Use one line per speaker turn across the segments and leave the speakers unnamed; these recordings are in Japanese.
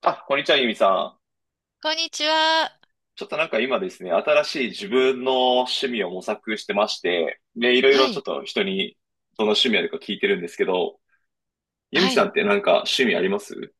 あ、こんにちは、ゆみさん。
こんにちは。
ちょっとなんか今ですね、新しい自分の趣味を模索してまして、で、いろい
は
ろちょっ
い。
と人にどの趣味あるか聞いてるんですけど、ゆみ
は
さんっ
い。
てなんか趣味あります？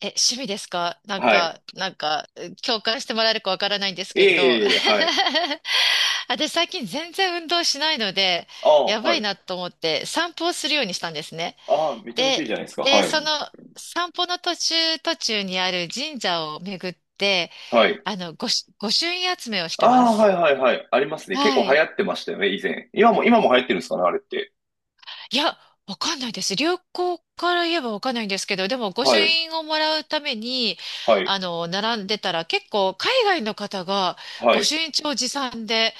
趣味ですか？
はい。
共感してもらえるかわからないんです
いえ
けど。
いえいえ、はい。
私最近全然運動しないので、
ああ、
や
は
ばい
い。
なと思って散歩をするようにしたんですね。
ああ、めちゃめちゃいいじゃな
で、
いですか。
で、
は
そ
い。
の散歩の途中途中にある神社を巡って、
はい。
御朱印集めをしてま
ああ、
す。
はいはいはい。ありますね。結構
は
流
い。
行ってましたよね、以前。今も流行ってるんですかね、あれって。
いや、わかんないです。流行から言えばわかんないんですけど、でも御朱
はい。
印をもらうために、
はい。
並んでたら結構海外の方が
は
御
い。
朱印帳持参で、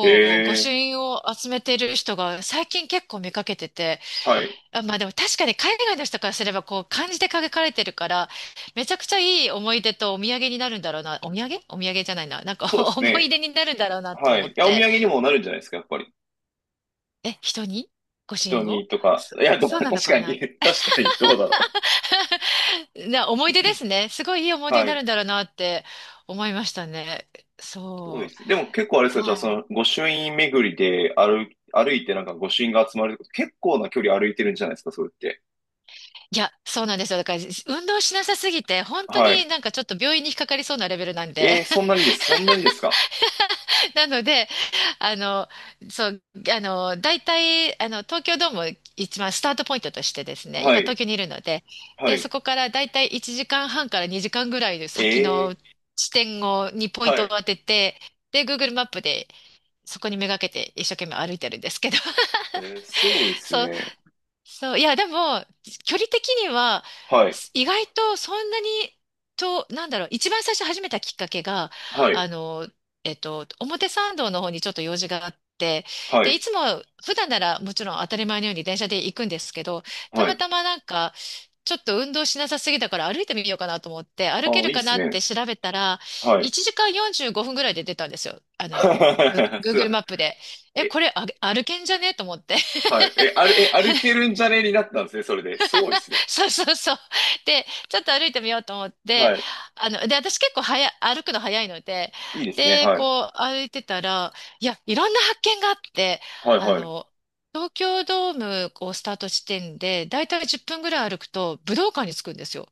え
う、御朱
え、
印を集めてる人が最近結構見かけてて、
はい。
あ、まあでも確かに海外の人からすればこう漢字で書かれてるから、めちゃくちゃいい思い出とお土産になるんだろうな。お土産お土産じゃないな。なんか
そうで す
思い
ね。
出になるんだろうなと
は
思
い。
っ
いや、お土
て。
産にもなるんじゃないですか、やっぱり。
え、人に御朱印を
瞳とか、いや、でも
そう
確
なのか
かに、
な？
確かに、どうだろ
思い出ですね。すごいいい思
う。
い出に
は
な
い。
るんだろうなって思いましたね。
そうで
そう。
すね。でも結構あれですか、じゃあ
は
そ
い。
の、御朱印巡りで歩いてなんか御朱印が集まるってこと、結構な距離歩いてるんじゃないですか、それって。
いや、そうなんですよ。だから、運動しなさすぎて、本当
は
に
い。
なんかちょっと病院に引っかかりそうなレベルなんで。
えー、そんなにですか。
なので、あの、そう、大体、東京ドーム一番スタートポイントとしてですね、
は
今東
い、
京にいるので、
は
で、そ
い。
こから大体1時間半から2時間ぐらいの
え
先の
ー、
地点を、にポイン
は
トを
い。
当てて、で、Google マップでそこにめがけて一生懸命歩いてるんですけど。
えー、すごいで す
そう、
ね。
そう、いや、でも、距離的には、
はい、
意外とそんなに、と、なんだろう、一番最初始めたきっかけが、
はい、
あの、表参道の方にちょっと用事があって、
は
で、い
い、
つも、普段ならもちろん当たり前のように電車で行くんですけど、た
は
ま
い。
たまなんか、ちょっと運動しなさすぎだから歩いてみようかなと思って、歩け
ああ、
る
いいで
か
す
なっ
ね。
て調べたら、
はい。
1時間45分ぐらいで出たんですよ。
すご
Google
い。
マップで。え、こ
え、
れあ歩けんじゃねえと思って。
はい。え、あれえ、歩けるんじゃねになったんですね、それで。すごいですね。
そうそうそう。で、ちょっと歩いてみようと思って、
はい。
で、私結構早い、歩くの早いので、
いいですね。
で、
はい。
こう歩いてたら、いや、いろんな発見があって、
はい、
あ
はい。
の、東京ドームをスタート地点で、だいたい10分ぐらい歩くと武道館に着くんですよ。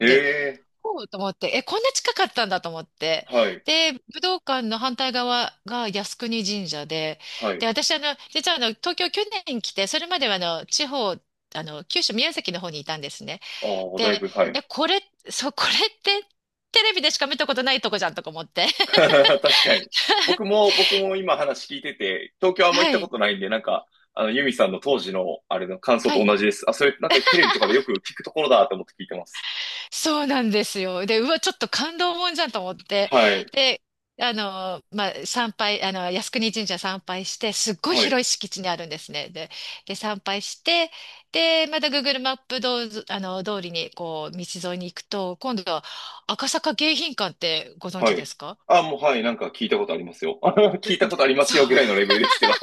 ええ、
おうと思って、え、こんな近かったんだと思って。
はい、
で、武道館の反対側が靖国神社で、
は
で、
い。
私、あの、実はあの、東京去年来て、それまではあの、地方、あの、九州宮崎の方にいたんですね。
ああ、だい
で、
ぶ、はい。
え、これ、そう、これってテレビでしか見たことないとこじゃんとか思って。
確かに。僕も今話聞いてて、東京あんま行っ
は
たこ
い、
とないんで、なんか、ユミさんの当時の、あれの感想
は
と
い。
同じです。あ、それ、なんかテレビとかでよく聞くところだと思って聞いてます。
そうなんですよ。で、うわ、ちょっと感動もんじゃんと思って。
はい、
で、あの、まあ、参拝、あの、靖国神社参拝して、すっごい
はい、
広い敷地にあるんですね。で、で、参拝して、で、また Google マップどうあの、通りに、こう、道沿いに行くと、今度は赤坂迎賓館ってご存
は
知で
い。
すか？
あ、もう、はい、なんか聞いたことありますよ。聞いたことありま
そ
すよぐらい
う。
のレベルですけど。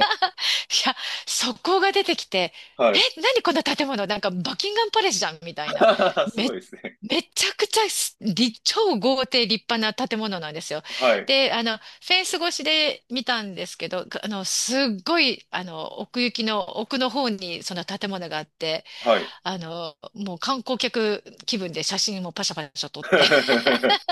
いや、そこが出てきて、
はい。
え、何こんな建物なんかバキンガンパレスじゃんみたいな。
す
め、
ごいですね。
めちゃくちゃ超豪邸立派な建物なんですよ。
はい、
で、ェンス越しで見たんですけど、あの、すっごい、あの、奥行きの奥の方にその建物があって、
はい。
あの、もう観光客気分で写真もパシャパシャ撮って。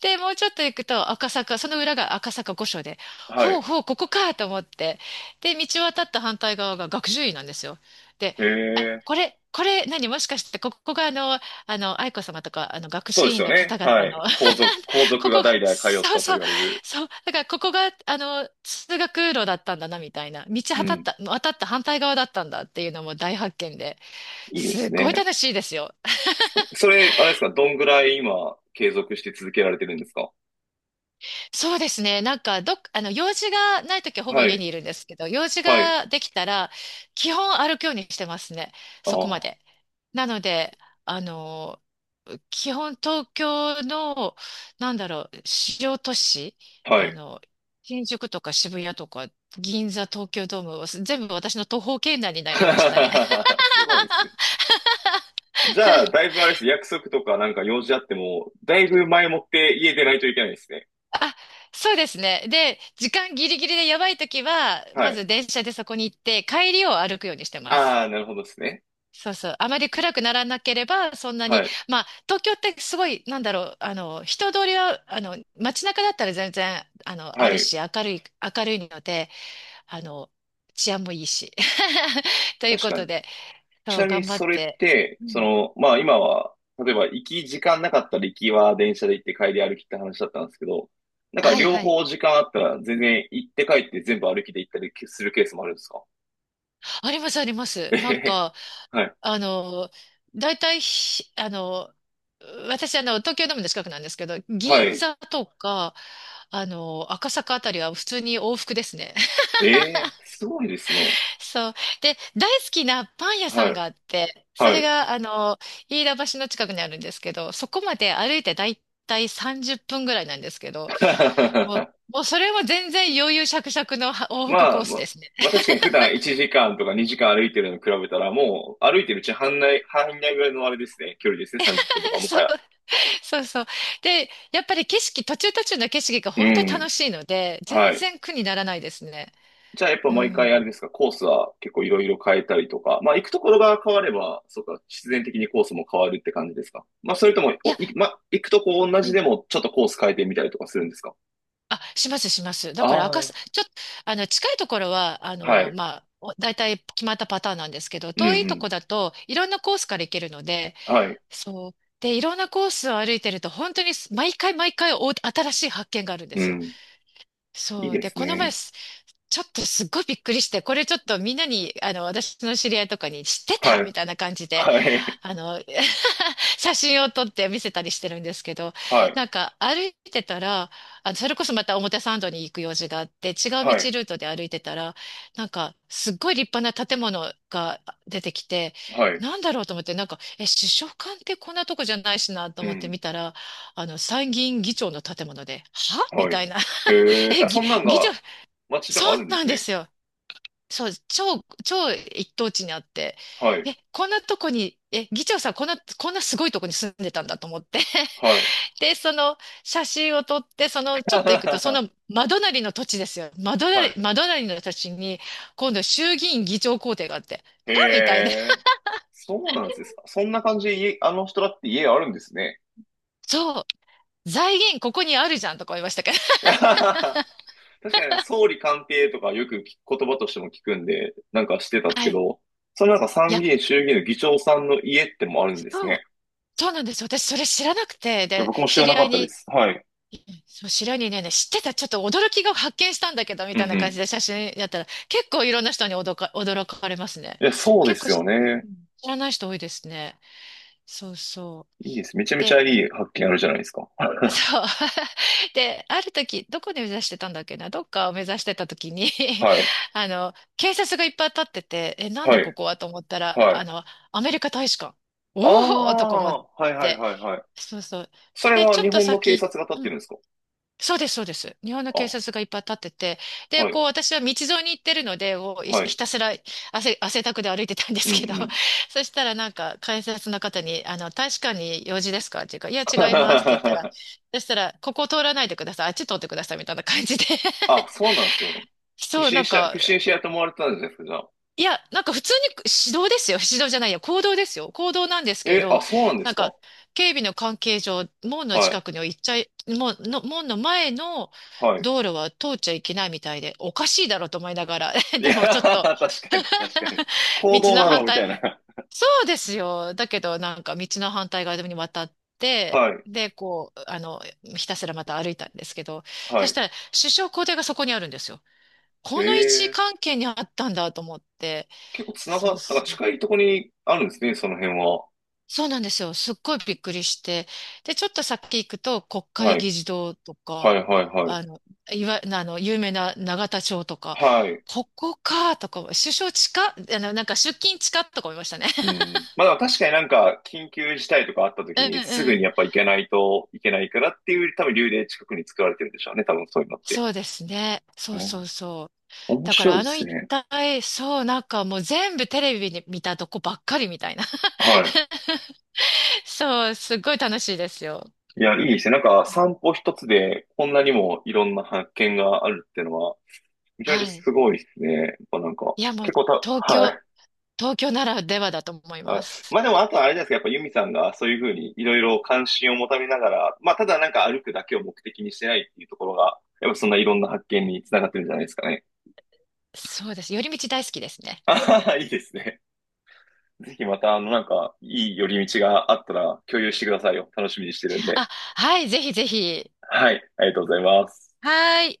で、もうちょっと行くと赤坂、その裏が赤坂御所で、
は
ほう
い。
ほう、ここかと思って、で、道渡った反対側が学習院なんですよ。で、あ、
ええ、
これ、これ、何、もしかして、ここがあの、あの、愛子様とか、あの、学
そう
習
です
院
よ
の方
ね。は
々
い。
の、
皇族
こ
が
こが、
代々通っ
そう
たと
そう、
言われる。
そう、だからここが、あの、通学路だったんだな、みたいな、道
う
渡っ
ん。
た、渡った反対側だったんだっていうのも大発見で、
いいで
す
す
ごい
ね。
楽しいですよ。
それ、あれですか、どんぐらい今、継続して続けられてるんですか？
そうですね。なんか、どっ、あの、用事がないときはほぼ
は
家
い、
にいるんですけど、用事
はい、
ができたら、基本歩くようにしてますね。
あ
そこま
あ、
で。なので、あの、基本東京の、なんだろう、主要都市、
は
あ
い。
の、新宿とか渋谷とか、銀座、東京ドーム、全部私の徒歩圏内に なりましたね。
すごいですね。じゃあ、だいぶあれです。約束とかなんか用事あっても、だいぶ前もって家出ないといけないですね。
あ、そうですね。で、時間ギリギリでやばいときは、
は
ま
い。
ず電車でそこに行って、帰りを歩くようにしてま
あ
す。
あ、なるほどですね。
そうそう。あまり暗くならなければ、そんなに、
はい、
まあ、東京ってすごい、なんだろう、人通りは、街中だったら全然、あの、
は
ある
い。
し、明るいので、あの、治安もいいし。という
確
こ
かに。
とで、
ち
そう、
なみに
頑張
そ
っ
れっ
て。
て、
うん。
まあ今は、例えば行き時間なかったら行きは電車で行って帰り歩きって話だったんですけど、なんか
はい
両
はい。
方時間あったら全然行って帰って全部歩きで行ったりするケースもあるんですか？
あります、ありま
え
す。な
へ
ん
へ
か、
はい。
あの、大体ひ、あの、私、あの、東京ドームの近くなんですけど、
は
銀
い。
座とか、赤坂あたりは普通に往復ですね。
ええ、すごいですね。
そう。で、大好きなパン屋さ
は
ん
い。
があって、そ
は
れ
い。
が、飯田橋の近くにあるんですけど、そこまで歩いてだいたい30分ぐらいなんですけど、もう、もうそれも全然余裕しゃくしゃくのは往復
ま
コー
あ、
ス
ま、
ですね。
まあ確かに普段1時間とか2時間歩いてるのに比べたら、もう歩いてるうちに半内ぐらいのあれですね、距離ですね、30分とか も
そ
は
う、
や。
そうそう。で、やっぱり景色、途中途中の景色が
う
本当に
ん。
楽しいので、
は
全
い。
然苦にならないですね。
じゃあやっぱ
う
毎
ん。
回あれですか、コースは結構いろいろ変えたりとか、まあ行くところが変われば、そうか、必然的にコースも変わるって感じですか。まあそれとも、
い
お
や、
い、まあ行くとこ同
う
じ
ん
でもちょっとコース変えてみたりとかするんですか。
します、します。だ
あ
から赤す、
あ、
ちょっと、あの、近いところは、
はい。
お大体決まったパターンなんですけど、
うんう
遠いと
ん。
こだといろんなコースから行けるので、
はい。
そう。で、いろんなコースを歩いてると、本当に毎回毎回お新しい発見があるんで
う
すよ。
ん。いい
そう。
で
で、
す
この前、
ね。
ちょっとすっごいびっくりして、これちょっとみんなに、私の知り合いとかに知って
は
た
い。
みたいな感じで、
はい。
あの、写真を撮って見せたりしてるんですけど、
はい。
なんか歩いてたら、あの、それこそまた表参道に行く用事があって、違う
はい。
ートで歩いてたら、なんか、すっごい立派な建物が出てきて、
はい。
なんだろうと思って、なんか、え、首相官ってこんなとこじゃないしなと
う
思って
ん。
見たら、あの、参議院議長の建物で、はみ
は
た
い。
いな。
え え、
え、
あ、
ぎ
そんなん
議長、
が街と
そ
かあ
う
るんで
な
す
んで
ね。
すよ。超一等地にあって、
はい。
え、こんなとこに、え、議長さん、こんなすごいとこに住んでたんだと思って。
はい。
で、その写真を撮って、その、ちょっと行くと、そ の、真隣の土地ですよ。
はい。
真隣の土地に、今度衆議院議長公邸があって、
へ
あみたいな。
え。そうなんですか。そんな感じで家、あの人だって家があるんですね。
そう、財源ここにあるじゃんとか思いましたけど。
確かにね、総理官邸とかよく聞く言葉としても聞くんで、なんかしてたんです
は
け
い。
ど、そのなんか
い
参
や、
議院衆議院の議長さんの家ってもあるんです
そう、
ね。
そうなんです。私、それ知らなくて、
いや、
で、
僕も知
知
ら
り
なか
合
っ
い
たで
に、
す。はい。
そう、白にね、知ってた、ちょっと驚きが発見したんだけど、み
う
たい
ん
な
う
感
ん。
じで写真やったら、結構いろんな人に驚かれますね。
いや、そうで
結構
すよ
し
ね。
うん知らない人多いですね。そうそう。
いいです。めちゃめちゃい
で、
い発見あるじゃないですか。
そう。で、ある時、どこで目指してたんだっけな、どっかを目指してた時に
はい。
あの、警察がいっぱい立ってて、え、なん
は
だこ
い。
こはと思ったら、
はい。
あの、アメリカ大使館。
あ
おおとか思っ
あ、はいはい
て。
はいはい。
そうそう。
それ
で、
は
ちょっ
日
と
本の警
先、
察が立っ
う
て
ん、
るんですか？
そうです、そうです。日本の警
あ、
察がいっぱい立ってて、で、
はい。
こう、私は道沿いに行ってるので、もうい
はい。
ひたすら汗だくで歩いてたんで
う
す
ん
けど、
うん。
そしたらなんか、警察の方に、あの、大使館に用事ですかっていうか、いや、違いますって言ったら、そしたら、ここ通らないでください、あっち通ってくださいみたいな感じで、
あ、そうなんですね。不
そう、な
審
ん
者、
か、
不審者やと思われてたんじゃないですか、じゃあ。
いや、なんか普通に指導ですよ。指導じゃないや、行動ですよ。行動なんですけ
え、あ、
ど、
そうなんで
な
す
ん
か？
か警備の関係上、門の
は
近
い、
くには行っちゃい、門の、門の前の
はい、
道路は通っちゃいけないみたいで、おかしいだろうと思いながら、
い
で
や
もち
ー、
ょっ と
確かに、確かに。行
道
動
の
だ
反
ろみたい
対、
な。
そうですよ。だけどなんか道の反対側に渡って、
はい、
で、こう、あの、ひたすらまた歩いたんですけど、
は
そし
い。
たら首相公邸がそこにあるんですよ。この位置
ええ、
関係にあったんだと思って、
結構つな
そう
が、なんか近いところにあるんですね、その辺は。
そうなんですよ。すっごいびっくりして。で、ちょっと先行くと、国
は
会
い、
議事堂と
は
か、
い、はい、はい。
あの、いわ、あの、有名な永田町とか、
はい。
ここか、とか、首相近っ、あの、なんか出勤近っとか思いましたね。
うん。まあでも確かになんか緊急事態とかあった
う
時
ん
にすぐ
う
に
ん。
やっぱ行けないといけないからっていう多分理由で近くに作られてるんでしょうね、多分そういうのって。
そうですね。
う
そうそ
ん。
うそう。
面
だか
白い
ら
で
あの
す
一
ね。
帯、そう、なんかもう全部テレビに見たとこばっかりみたいな。
はい。
そう、すっごい楽しいですよ。
いや、いいですね。なんか散歩一つでこんなにもいろんな発見があるっていうのは、めちゃめ
は
ちゃ
い。
すごいですね。やっぱなんか、
いや、もう
結構た、
東
は
京、
い。
東京ならではだと思い
は
ま
い。
す。
まあでも、あとあれですけど、やっぱユミさんがそういうふうにいろいろ関心を持たれながら、まあただなんか歩くだけを目的にしてないっていうところが、やっぱそんないろんな発見につながってるんじゃないですかね。
そうです。寄り道大好きですね。
あははいいですね。ぜひまた、なんか、いい寄り道があったら共有してくださいよ。楽しみにしてるんで。
あ、はい、ぜひぜひ。
はい。ありがとうございます。
はい。